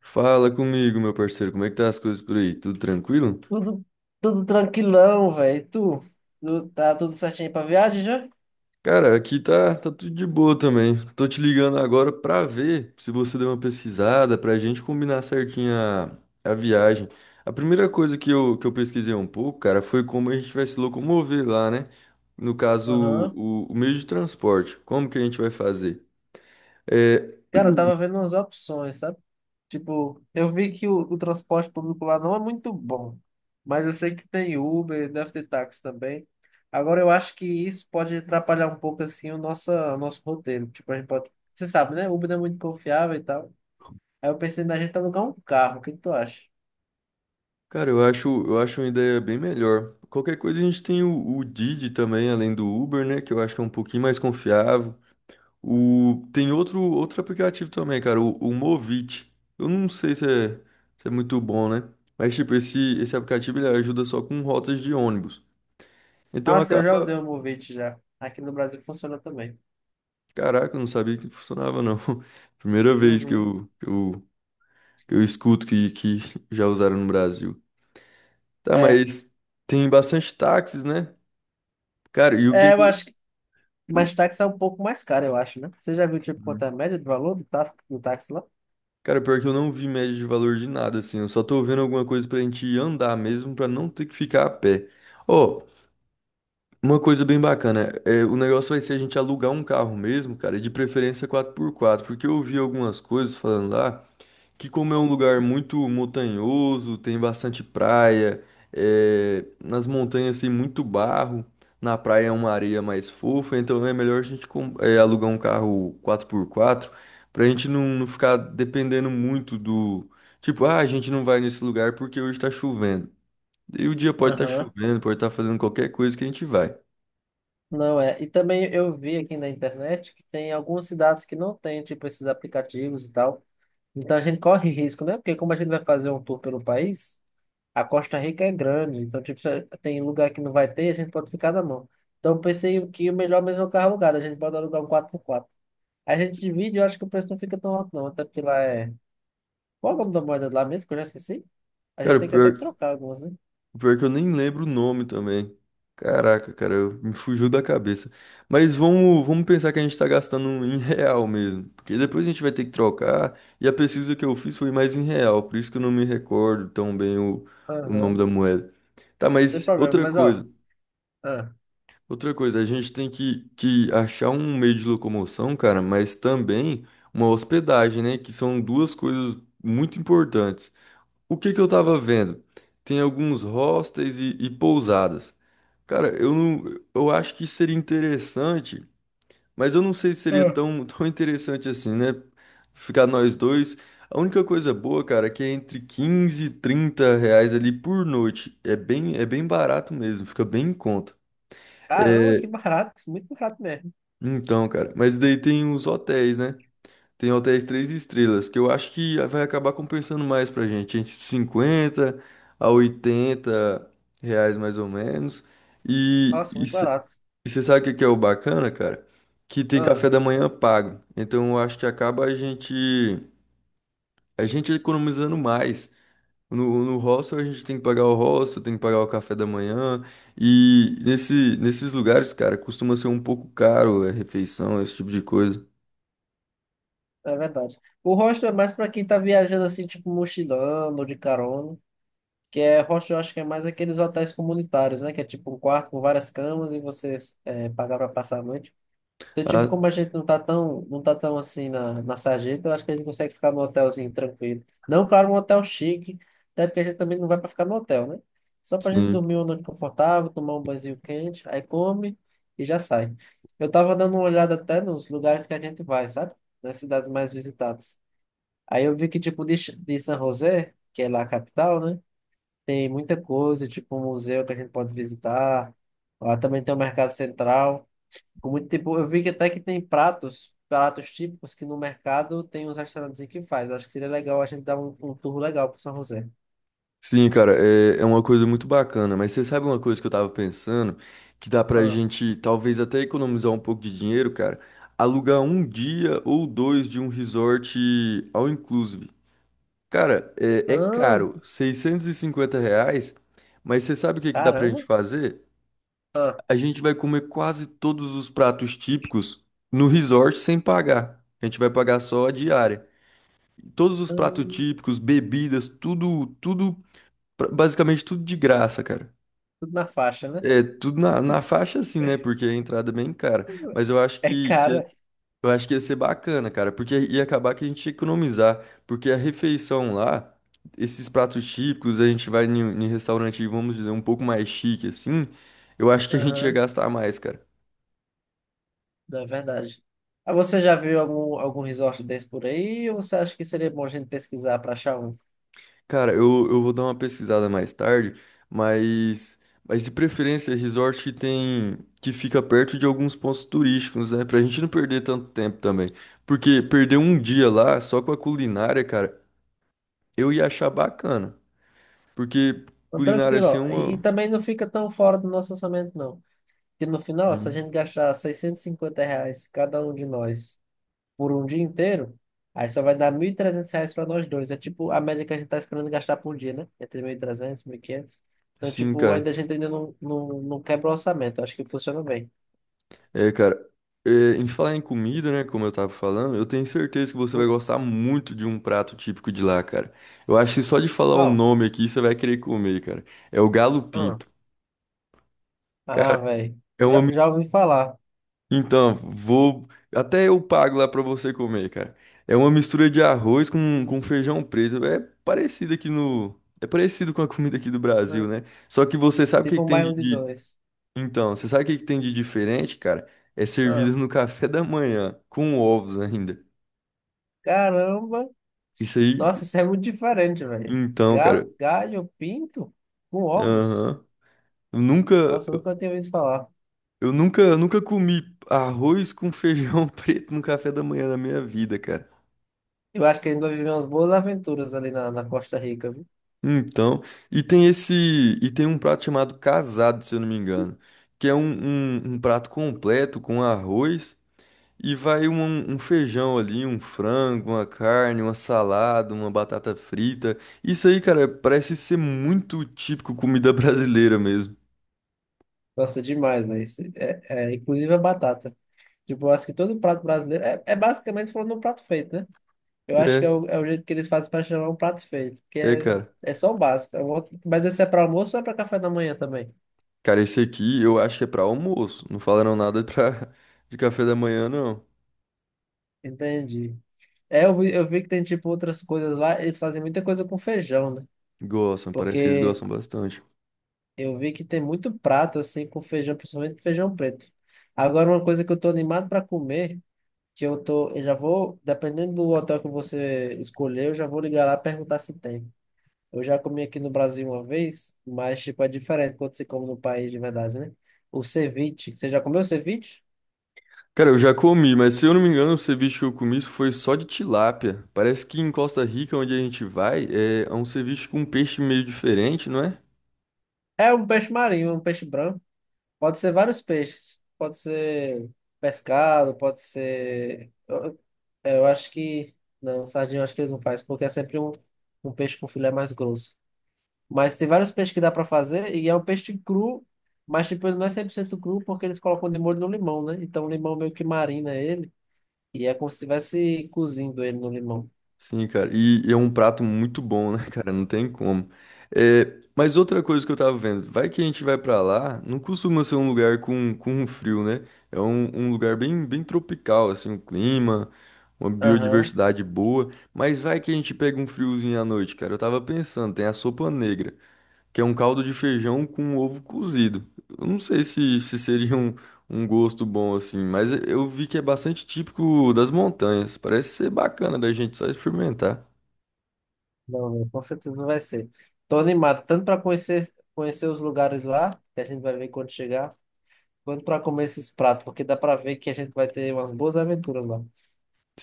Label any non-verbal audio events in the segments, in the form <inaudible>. Fala comigo, meu parceiro, como é que tá as coisas por aí? Tudo tranquilo? Tudo, tudo tranquilão, velho. Tá tudo certinho pra viagem já? Cara, aqui tá tudo de boa também. Tô te ligando agora pra ver se você deu uma pesquisada, pra gente combinar certinho a viagem. A primeira coisa que eu pesquisei um pouco, cara, foi como a gente vai se locomover lá, né? No caso, Aham. o meio de transporte. Como que a gente vai fazer? É, Cara, eu tava vendo umas opções, sabe? Tipo, eu vi que o transporte público lá não é muito bom, mas eu sei que tem Uber, deve ter táxi também. Agora, eu acho que isso pode atrapalhar um pouco, assim, o nosso roteiro. Tipo, a gente pode... Você sabe, né? Uber não é muito confiável e tal. Aí eu pensei na gente alugar um carro. O que que tu acha? cara, eu acho uma ideia bem melhor. Qualquer coisa a gente tem o Didi também, além do Uber, né? Que eu acho que é um pouquinho mais confiável. Tem outro aplicativo também, cara, o Movit. Eu não sei se é muito bom, né? Mas, tipo, esse aplicativo ele ajuda só com rotas de ônibus. Então Ah, sim, eu já usei acaba. o Movit já. Aqui no Brasil funciona também. Caraca, eu não sabia que funcionava, não. <laughs> Primeira vez que Uhum. eu, que eu, que eu escuto que <laughs> já usaram no Brasil. Tá, É. mas tem bastante táxis, né? Cara, e o que. É, eu Que- acho, o- mas táxi é um pouco mais caro, eu acho, né? Você já viu, tipo, quanto é a média do valor do táxi lá? Cara, pior que eu não vi média de valor de nada, assim. Eu só tô vendo alguma coisa pra gente andar mesmo, pra não ter que ficar a pé. Ó, uma coisa bem bacana, o negócio vai ser a gente alugar um carro mesmo, cara, e de preferência quatro por quatro, porque eu vi algumas coisas falando lá que, como é um lugar muito montanhoso, tem bastante praia, nas montanhas tem muito barro, na praia é uma areia mais fofa, então é melhor a gente alugar um carro 4x4 pra gente não ficar dependendo muito do, tipo, ah, a gente não vai nesse lugar porque hoje tá chovendo. E o dia pode estar Aham. chovendo, pode estar fazendo qualquer coisa que a gente vai. Não é. E também eu vi aqui na internet que tem algumas cidades que não tem, tipo, esses aplicativos e tal. Então a gente corre risco, né? Porque como a gente vai fazer um tour pelo país, a Costa Rica é grande, então tipo, se tem lugar que não vai ter, a gente pode ficar na mão. Então eu pensei que o melhor mesmo é o carro alugado, a gente pode alugar um 4x4. A gente divide, eu acho que o preço não fica tão alto não, até porque lá é... Qual é o nome da moeda lá mesmo, que eu já esqueci? A gente Cara, o tem que até que pior, trocar algumas, né? o pior é que eu nem lembro o nome também. Caraca, cara, me fugiu da cabeça. Mas vamos pensar que a gente tá gastando um em real mesmo. Porque depois a gente vai ter que trocar. E a pesquisa que eu fiz foi mais em real. Por isso que eu não me recordo tão bem o, Aham. o nome Não da moeda. Tá, tem mas problema, outra mas coisa. ó... ah, Outra coisa, a gente tem que achar um meio de locomoção, cara, mas também uma hospedagem, né? Que são duas coisas muito importantes. O que que eu tava vendo? Tem alguns hostels e pousadas. Cara, eu não, eu acho que seria interessante, mas eu não sei se seria ah, tão, <laughs> tão interessante assim, né? Ficar nós dois. A única coisa boa, cara, é que é entre 15 e 30 reais ali por noite. É bem barato mesmo, fica bem em conta. caramba, É, que barato, muito barato mesmo. então, cara, mas daí tem os hotéis, né? Tem hotéis três estrelas, que eu acho que vai acabar compensando mais pra gente. Entre 50 a 80 reais mais ou menos. E Nossa, muito barato. você sabe o que que é o bacana, cara? Que tem café Ah, da manhã pago. Então eu acho que acaba a gente economizando mais. No hostel a gente tem que pagar o hostel, tem que pagar o café da manhã. E nesses lugares, cara, costuma ser um pouco caro a refeição, esse tipo de coisa. é verdade. O hostel é mais para quem tá viajando assim, tipo mochilando ou de carona. Que é hostel, eu acho que é mais aqueles hotéis comunitários, né? Que é tipo um quarto com várias camas e você pagar para passar a noite. Então, tipo, Ah, como a gente não tá tão assim na sarjeta, eu acho que a gente consegue ficar num hotelzinho tranquilo. Não, claro, um hotel chique, até porque a gente também não vai para ficar no hotel, né? Só pra gente sim. dormir uma noite confortável, tomar um banhozinho quente, aí come e já sai. Eu tava dando uma olhada até nos lugares que a gente vai, sabe? Nas cidades mais visitadas. Aí eu vi que, tipo, de, de San José, que é lá a capital, né? Tem muita coisa, tipo um museu que a gente pode visitar. Lá também tem o mercado central. Com muito tipo, eu vi que até que tem pratos, pratos típicos que no mercado tem uns restaurantes que faz. Eu acho que seria legal a gente dar um tour legal pro São José. Sim, cara, é uma coisa muito bacana, mas você sabe uma coisa que eu tava pensando, que dá pra Ah, gente talvez até economizar um pouco de dinheiro, cara, alugar um dia ou dois de um resort all inclusive. Cara, é ah, caro, 650 reais, mas você sabe o que que dá pra caramba. gente fazer? Ah, A gente vai comer quase todos os pratos típicos no resort sem pagar. A gente vai pagar só a diária. Todos os ah, pratos típicos, bebidas, tudo, tudo, basicamente tudo de graça, cara. tudo na faixa, né? É, tudo na faixa assim, né? Porque a entrada é bem cara. <laughs> Mas É cara. eu acho que ia ser bacana, cara, porque ia acabar que a gente ia economizar, porque a refeição lá, esses pratos típicos, a gente vai em restaurante, vamos dizer, um pouco mais chique assim, eu acho que a gente ia Aham, gastar mais, cara. não, é verdade. Ah, você já viu algum resort desse por aí? Ou você acha que seria bom a gente pesquisar para achar um? Cara, eu vou dar uma pesquisada mais tarde, mas, mas de preferência, resort que fica perto de alguns pontos turísticos, né? Pra gente não perder tanto tempo também. Porque perder um dia lá, só com a culinária, cara, eu ia achar bacana. Porque Então, culinária, tranquilo, assim, é ó. E uma... também não fica tão fora do nosso orçamento, não. Porque no final, se a Hum. gente gastar 650 reais cada um de nós por um dia inteiro, aí só vai dar 1.300 reais para nós dois. É tipo a média que a gente tá esperando gastar por dia, né? Entre 1.300 1.500. Então, Assim, tipo, ainda cara, a gente ainda não quebra o orçamento. Acho que funciona bem. Cara, é, em falar em comida, né, como eu tava falando, eu tenho certeza que você vai O- gostar muito de um prato típico de lá, cara. Eu acho que só de falar o Qual? nome aqui, você vai querer comer, cara. É o galo Ah, pinto. ah Cara, velho. é uma. Já Mis- ouvi falar. Então, vou. até eu pago lá pra você comer, cara. É uma mistura de arroz com feijão preto. É parecido aqui no. É parecido com a comida aqui do Brasil, né? Ah, Só que você sabe o que tipo que um tem baião de dois. Então, você sabe o que que tem de diferente, cara? É Ah, servido no café da manhã, com ovos ainda. caramba. Isso aí. Nossa, isso é muito diferente, velho. Então, cara. Ga- Galho pinto com ovos? Aham. Eu nunca. Nossa, eu nunca tinha ouvido falar. Eu nunca, nunca comi arroz com feijão <laughs> preto no café da manhã na minha vida, cara. Eu acho que ele vai viver umas boas aventuras ali na Costa Rica, viu? Então, e tem esse, e tem um prato chamado casado, se eu não me engano, que é um prato completo com arroz e vai um feijão ali, um frango, uma carne, uma salada, uma batata frita. Isso aí, cara, parece ser muito típico comida <laughs> brasileira mesmo. Nossa, demais, velho. Isso. Inclusive a batata. Tipo, eu acho que todo prato brasileiro é basicamente falando um prato feito, né? Eu acho que é É, é o jeito que eles fazem para chamar um prato feito, é, cara. é só o básico. É um outro- mas esse é para almoço ou é para café da manhã também? Cara, esse aqui eu acho que é pra almoço. Não falaram nada pra, <laughs> de café da manhã, não. Entendi. É, eu vi que tem, tipo, outras coisas lá. Eles fazem muita coisa com feijão, né? Gostam, parece que eles Porque gostam bastante. eu vi que tem muito prato assim com feijão, principalmente feijão preto. Agora, uma coisa que eu tô animado para comer, eu já vou, dependendo do hotel que você escolher, eu já vou ligar lá e perguntar se tem. Eu já comi aqui no Brasil uma vez, mas tipo é diferente quando você come no país de verdade, né? O ceviche, você já comeu ceviche? Cara, eu já comi, mas se eu não me engano, o ceviche que eu comi foi só de tilápia. Parece que em Costa Rica, onde a gente vai, é um ceviche com um peixe meio diferente, não é? É um peixe marinho, um peixe branco. Pode ser vários peixes. Pode ser pescado, pode ser É, eu acho que. Não, sardinha eu acho que eles não fazem, porque é sempre um, um peixe com filé mais grosso. Mas tem vários peixes que dá pra fazer, e é um peixe cru, mas tipo, ele não é 100% cru, porque eles colocam de molho no limão, né? Então o limão meio que marina ele, e é como se estivesse cozindo ele no limão. Sim, cara. E é um prato muito bom, né, <laughs> cara? Não tem como. É, mas outra coisa que eu tava vendo, vai que a gente vai pra lá, não costuma ser um lugar com frio, né? É um lugar bem, bem tropical, assim, o clima, uma Aham. biodiversidade boa. Mas vai que a gente pega um friozinho à noite, cara. Eu tava pensando, tem a sopa negra, que é um caldo de feijão com ovo cozido. Eu não sei se seria um gosto bom assim, mas eu vi que é bastante típico das montanhas. Parece ser bacana da gente só experimentar. Não, não, com certeza não vai ser. Tô animado, tanto pra conhecer, conhecer os lugares lá, que a gente vai ver quando chegar, quanto pra comer esses pratos, porque dá pra ver que a gente vai ter umas boas aventuras lá.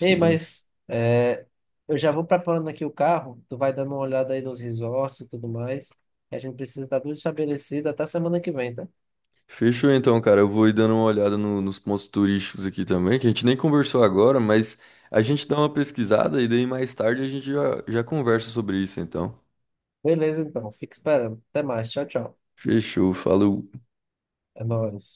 Ei, eu já vou preparando aqui o carro. Tu vai dando uma olhada aí nos resorts e tudo mais. E a gente precisa estar tudo estabelecido até semana que vem, tá? Fechou então, cara. Eu vou ir dando uma olhada nos pontos turísticos aqui também, que a gente nem conversou agora, mas a gente dá uma pesquisada e daí mais tarde a gente já, já conversa sobre isso, então. Beleza, então. Fica esperando. Até mais. Tchau, tchau. Fechou, falou. É nóis.